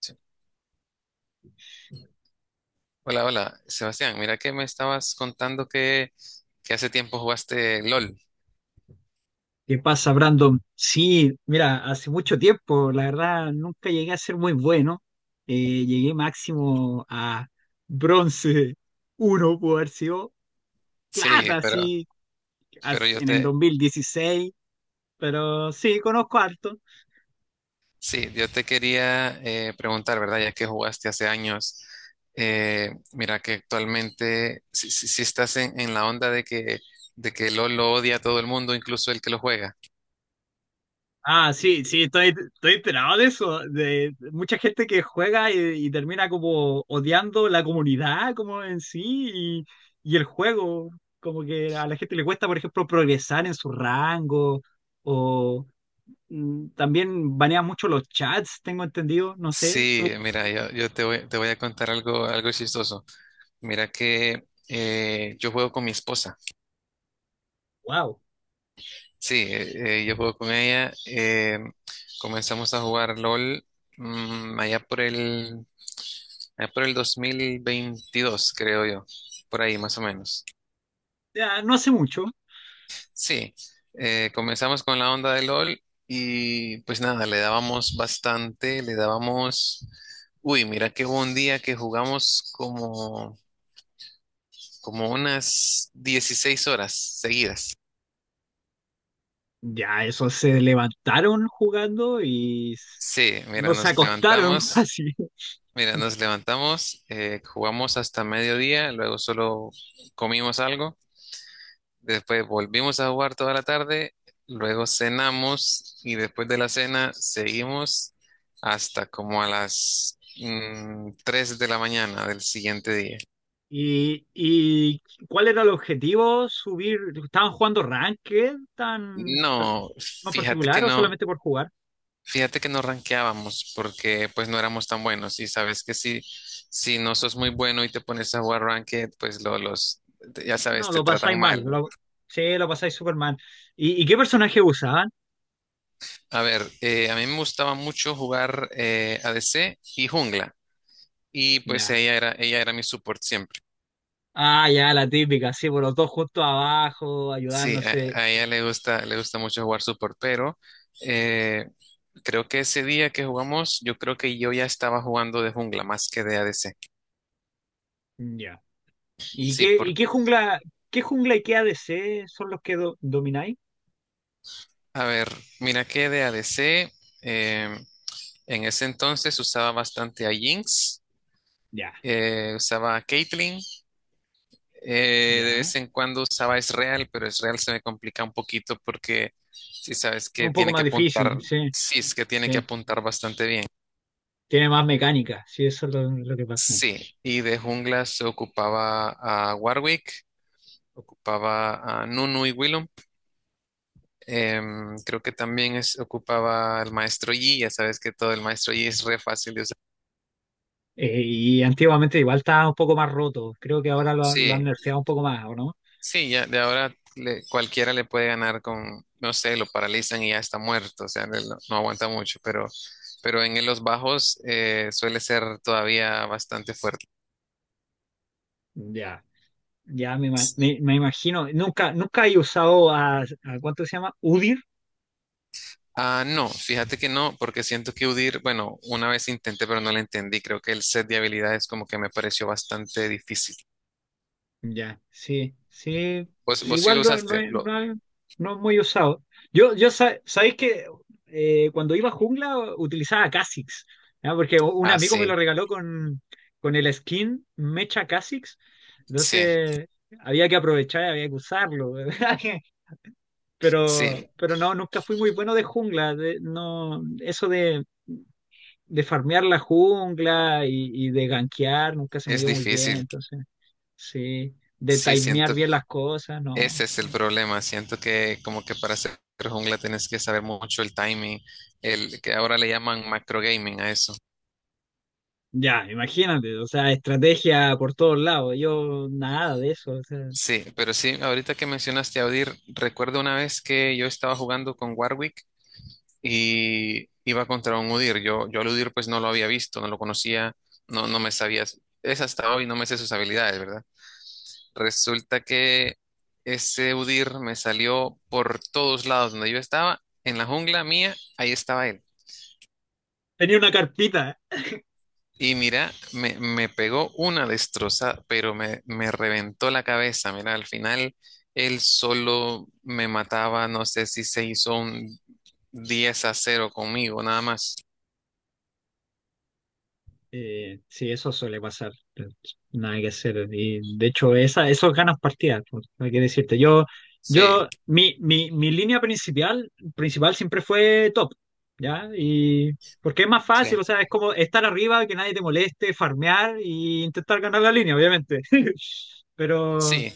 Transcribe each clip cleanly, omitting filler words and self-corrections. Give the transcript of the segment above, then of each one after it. Sí. Hola, hola, Sebastián. Mira que me estabas contando que hace tiempo jugaste LOL. ¿Qué pasa, Brandon? Sí, mira, hace mucho tiempo, la verdad, nunca llegué a ser muy bueno. Llegué máximo a bronce uno, pudo haber sido Sí, plata, pero, sí, pero yo en el te, 2016, pero sí, conozco harto. sí, yo te quería preguntar, ¿verdad? Ya que jugaste hace años, mira que actualmente si estás en la onda de que, LOL lo odia a todo el mundo, incluso el que lo juega. Ah, sí, sí, estoy enterado de eso, de mucha gente que juega y termina como odiando la comunidad como en sí y el juego, como que a la gente le cuesta, por ejemplo, progresar en su rango o también banean mucho los chats, tengo entendido, no sé. Sí, mira, yo te voy a contar algo chistoso. Mira que yo juego con mi esposa. Wow. Sí, yo juego con ella. Comenzamos a jugar LOL mm, allá por el, allá por el 2022, creo yo, por ahí más o menos. Ya, no hace mucho. Sí, comenzamos con la onda de LOL y pues nada, le dábamos bastante, le dábamos. Uy, mira que hubo un día que jugamos como unas 16 horas seguidas. Ya, eso se levantaron jugando y Sí, mira, no se nos acostaron levantamos. casi. Mira, nos levantamos, jugamos hasta mediodía, luego solo comimos algo, después volvimos a jugar toda la tarde, luego cenamos y después de la cena seguimos hasta como a las 3 de la mañana del siguiente día. Y cuál era el objetivo? ¿Subir? ¿Estaban jugando ranked tan No, en fíjate que particular o no, solamente por jugar? fíjate que no rankeábamos porque pues no éramos tan buenos y sabes que si no sos muy bueno y te pones a jugar ranked, pues los, ya sabes, No, te lo pasáis tratan mal. mal. Sí, lo pasáis súper mal. Y qué personaje usaban? A ver, a mí me gustaba mucho jugar ADC y jungla. Y pues Ya. ella era mi support siempre. Ah, ya, la típica, sí, por los dos justo abajo, Sí, a, ayudándose. a ella le gusta mucho jugar support, pero eh, creo que ese día que jugamos, yo creo que yo ya estaba jugando de jungla más que de ADC. Ya. Sí, Y qué porque, jungla y qué ADC son los que domináis? a ver, mira que de ADC, eh, en ese entonces usaba bastante a Jinx, Ya, usaba a Caitlyn. De ya. vez en cuando usaba Israel, pero Israel se me complica un poquito porque si sabes que Un poco tiene más que apuntar, difícil, sí, sí, es que tiene que sí. apuntar bastante bien. Tiene más mecánica, sí, eso es lo que pasa. Sí, y de jungla se ocupaba a Warwick, ocupaba a Nunu y Willem. Creo que también ocupaba al maestro Yi, ya sabes que todo el maestro Yi es re fácil de usar. Y antiguamente igual estaba un poco más roto. Creo que ahora lo han Sí, nerfeado un poco más, ¿o no? sí, ya de ahora cualquiera le puede ganar con, no sé, lo paralizan y ya está muerto, o sea, no, no aguanta mucho, pero en los bajos suele ser todavía bastante fuerte. Ya, ya me me imagino. Nunca, nunca he usado ¿cuánto se llama? Udir. Ah, no, fíjate que no, porque siento que UDIR, bueno, una vez intenté, pero no la entendí. Creo que el set de habilidades como que me pareció bastante difícil. Ya, sí, sí. ¿Vos sí lo Igual no, no, usaste? No es muy usado. Yo sabéis que cuando iba a jungla utilizaba Kha'Zix, ¿ya? Porque un Ah, amigo me lo sí, regaló con el skin Mecha Kha'Zix. sí, Entonces había que aprovechar, había que usarlo. Pero sí, pero no, nunca fui muy bueno de jungla, no, eso de farmear la jungla y de gankear nunca se me es dio muy bien, difícil. entonces, sí, de Sí, timear siento bien las cosas, no, ese es el no. problema. Siento que como que para hacer jungla tienes que saber mucho el timing, el que ahora le llaman macro gaming a eso. Ya, imagínate, o sea, estrategia por todos lados, yo nada de eso, o sea, Sí, pero sí, ahorita que mencionaste a Udyr, recuerdo una vez que yo estaba jugando con Warwick y iba contra un Udyr. Yo al Udyr pues no lo había visto, no lo conocía, no, no me sabía. Es hasta hoy, no me sé sus habilidades, ¿verdad? Resulta que ese Udyr me salió por todos lados donde yo estaba, en la jungla mía, ahí estaba él. tenía una carpita. Y mira, me pegó una destrozada, pero me reventó la cabeza. Mira, al final él solo me mataba, no sé si se hizo un 10-0 conmigo, nada más. Sí, eso suele pasar. Nada que hacer. Y de hecho, esos ganas partidas, pues, no hay que decirte. Yo, Sí, yo, mi, mi, mi línea principal, principal siempre fue top, ¿ya? Y porque es más fácil, o sí. sea, es como estar arriba, que nadie te moleste, farmear y intentar ganar la línea, obviamente. Pero Sí,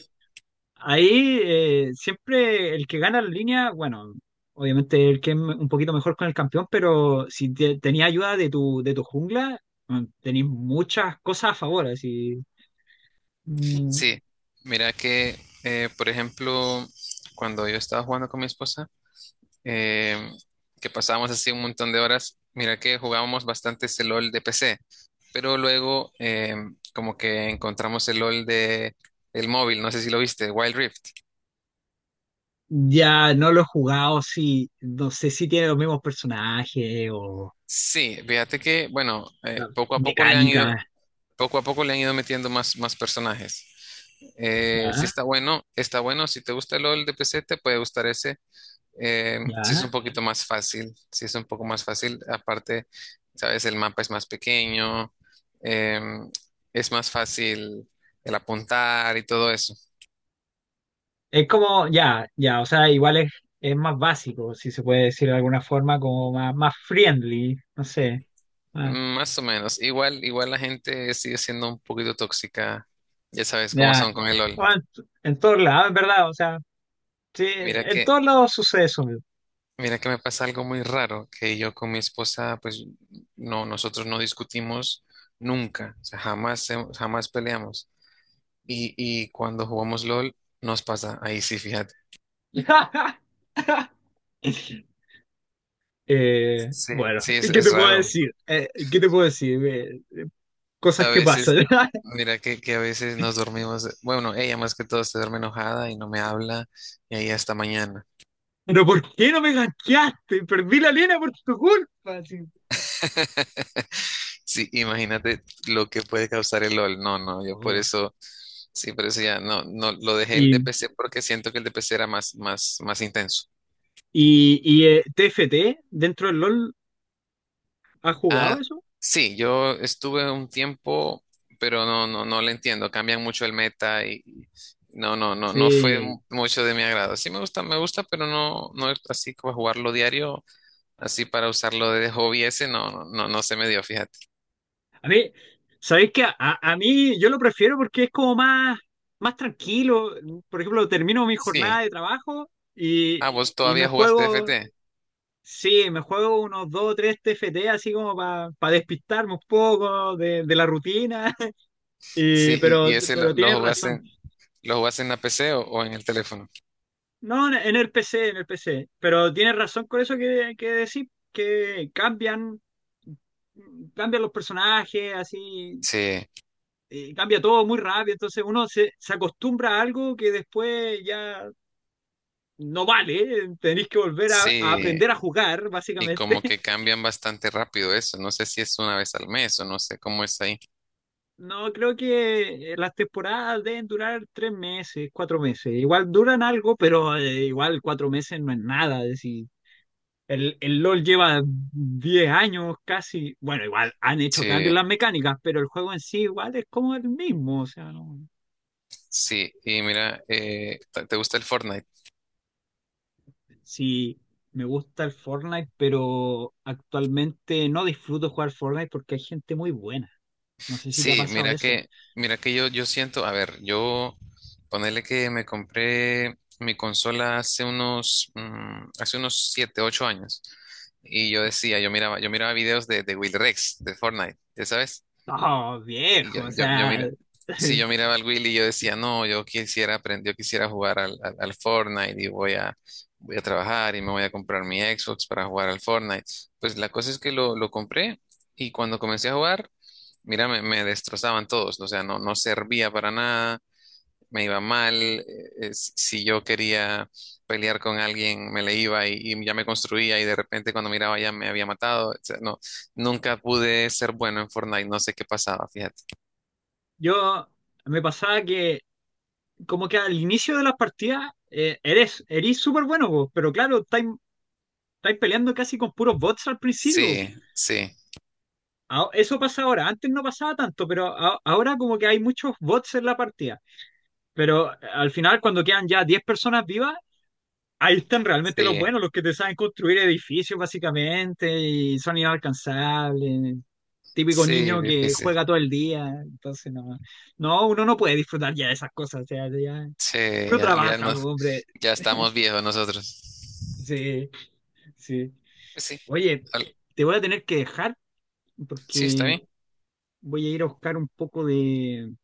ahí siempre el que gana la línea, bueno, obviamente el que es un poquito mejor con el campeón, pero si tenía ayuda de tu jungla, tenías muchas cosas a favor. Así. Mm, sí. Mira que, por ejemplo, cuando yo estaba jugando con mi esposa, eh, que pasábamos así un montón de horas. Mira que jugábamos bastante ese LOL de PC, pero luego como que encontramos el LOL de el móvil, no sé si lo viste, Wild Rift. ya no lo he jugado, sí, no sé si tiene los mismos personajes o Sí, fíjate que, bueno, la mecánica, poco a poco le han ido metiendo más personajes. Sí ya, está bueno, está bueno. Si te gusta el LOL de PC, te puede gustar ese. Sí es ya. un poquito más fácil, sí es un poco más fácil. Aparte, sabes, el mapa es más pequeño, em, es más fácil el apuntar y todo eso. Es como, ya, ya, o sea, igual es más básico, si se puede decir de alguna forma, como más friendly, no sé. Más o menos. Igual la gente sigue siendo un poquito tóxica. Ya sabes cómo Ya, son con el LOL. bueno, en todos lados, en verdad, o sea, sí, Mira en que, todos lados sucede eso mismo. mira que me pasa algo muy raro, que yo con mi esposa, pues no, nosotros no discutimos nunca, o sea, jamás, jamás peleamos. Y cuando jugamos LOL, nos pasa ahí sí, fíjate. Sí, Bueno, sí, ¿qué es te puedo raro. decir? ¿Qué te puedo decir? Cosas A que pasan. veces, mira que a veces nos dormimos, bueno, ella más que todo se duerme enojada y no me habla y ahí hasta mañana. Pero ¿por qué no me ganchaste? Perdí la línea por tu culpa, así. Sí, imagínate lo que puede causar el LOL. No, no, yo por Oh. eso, sí, por eso ya no, no, lo dejé el Y, DPC porque siento que el DPC era más, más, más intenso. Y TFT, dentro del LOL, ¿has jugado Ah, eso? sí, yo estuve un tiempo, pero no, no, no le entiendo. Cambian mucho el meta y no, no, no, no fue Sí. Mucho de mi agrado. Sí me gusta, pero no, no es así como jugarlo diario, así para usarlo de hobby ese, no, no, no, no se me dio, fíjate. A mí, ¿sabéis qué? A mí yo lo prefiero porque es como más tranquilo. Por ejemplo, termino mi jornada Sí. de trabajo y, Ah, vos y todavía jugaste FT. sí, me juego unos dos o tres TFT así como para despistarme un poco de la rutina. Y, Sí, y, pero, y ese pero lo tienes jugaste, razón. Lo jugaste en la PC o en el teléfono. No, en el PC, en el PC. Pero tienes razón con eso que decís, que cambian los personajes, así. Sí, Cambia todo muy rápido, entonces uno se acostumbra a algo que después ya no vale, tenéis que volver a sí. aprender a jugar, Y básicamente. como que cambian bastante rápido eso. No sé si es una vez al mes o no sé cómo es ahí. No, creo que las temporadas deben durar 3 meses, 4 meses. Igual duran algo, pero igual 4 meses no es nada. Es decir, el LOL lleva 10 años casi. Bueno, igual han hecho cambios en Sí. las mecánicas, pero el juego en sí igual es como el mismo. O sea, no. Sí, y mira, ¿te gusta el Fortnite? Sí, me gusta el Fortnite, pero actualmente no disfruto jugar Fortnite porque hay gente muy buena. No sé si te ha Sí, pasado mira eso. que, mira que yo siento, a ver, yo ponerle que me compré mi consola hace unos 7 8 años. Y yo decía, yo miraba videos de Will Rex, de Fortnite, ¿ya sabes? No, Y yo, viejo, o yo, yo sea. mira, si yo miraba al Willy, yo decía, no, yo quisiera aprender, yo quisiera jugar al Fortnite y voy a trabajar y me voy a comprar mi Xbox para jugar al Fortnite. Pues la cosa es que lo compré y cuando comencé a jugar, mira, me destrozaban todos, o sea, no, no servía para nada, me iba mal, eh, si si yo quería pelear con alguien, me le iba y ya me construía y de repente cuando miraba ya me había matado, o sea, no, nunca pude ser bueno en Fortnite, no sé qué pasaba, fíjate. Yo me pasaba que como que al inicio de las partidas eres súper bueno, vos, pero claro, estáis peleando casi con puros bots al principio. Sí, sí, Ah, eso pasa ahora, antes no pasaba tanto, pero ahora como que hay muchos bots en la partida. Pero al final, cuando quedan ya 10 personas vivas, ahí están realmente los sí, buenos, los que te saben construir edificios básicamente y son inalcanzables. Típico sí, niño que difícil. juega todo el día. Entonces, no, no, uno no puede disfrutar ya de esas cosas. O sea, ya, Sí, uno ya, ya trabaja, no, po, hombre. ya estamos viejos nosotros. Sí, sí. Pues sí, Oye, al- te voy a tener que dejar sí, está porque bien. voy a ir a buscar un poco de...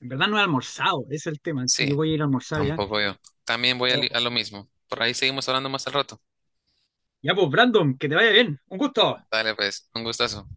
En verdad no he almorzado, ese es el tema, así que Sí, voy a ir a almorzar ya. tampoco yo. También voy a, Oh, a lo mismo. Por ahí seguimos hablando más al rato. ya pues, Brandon, que te vaya bien. Un gusto. Dale, pues, un gustazo.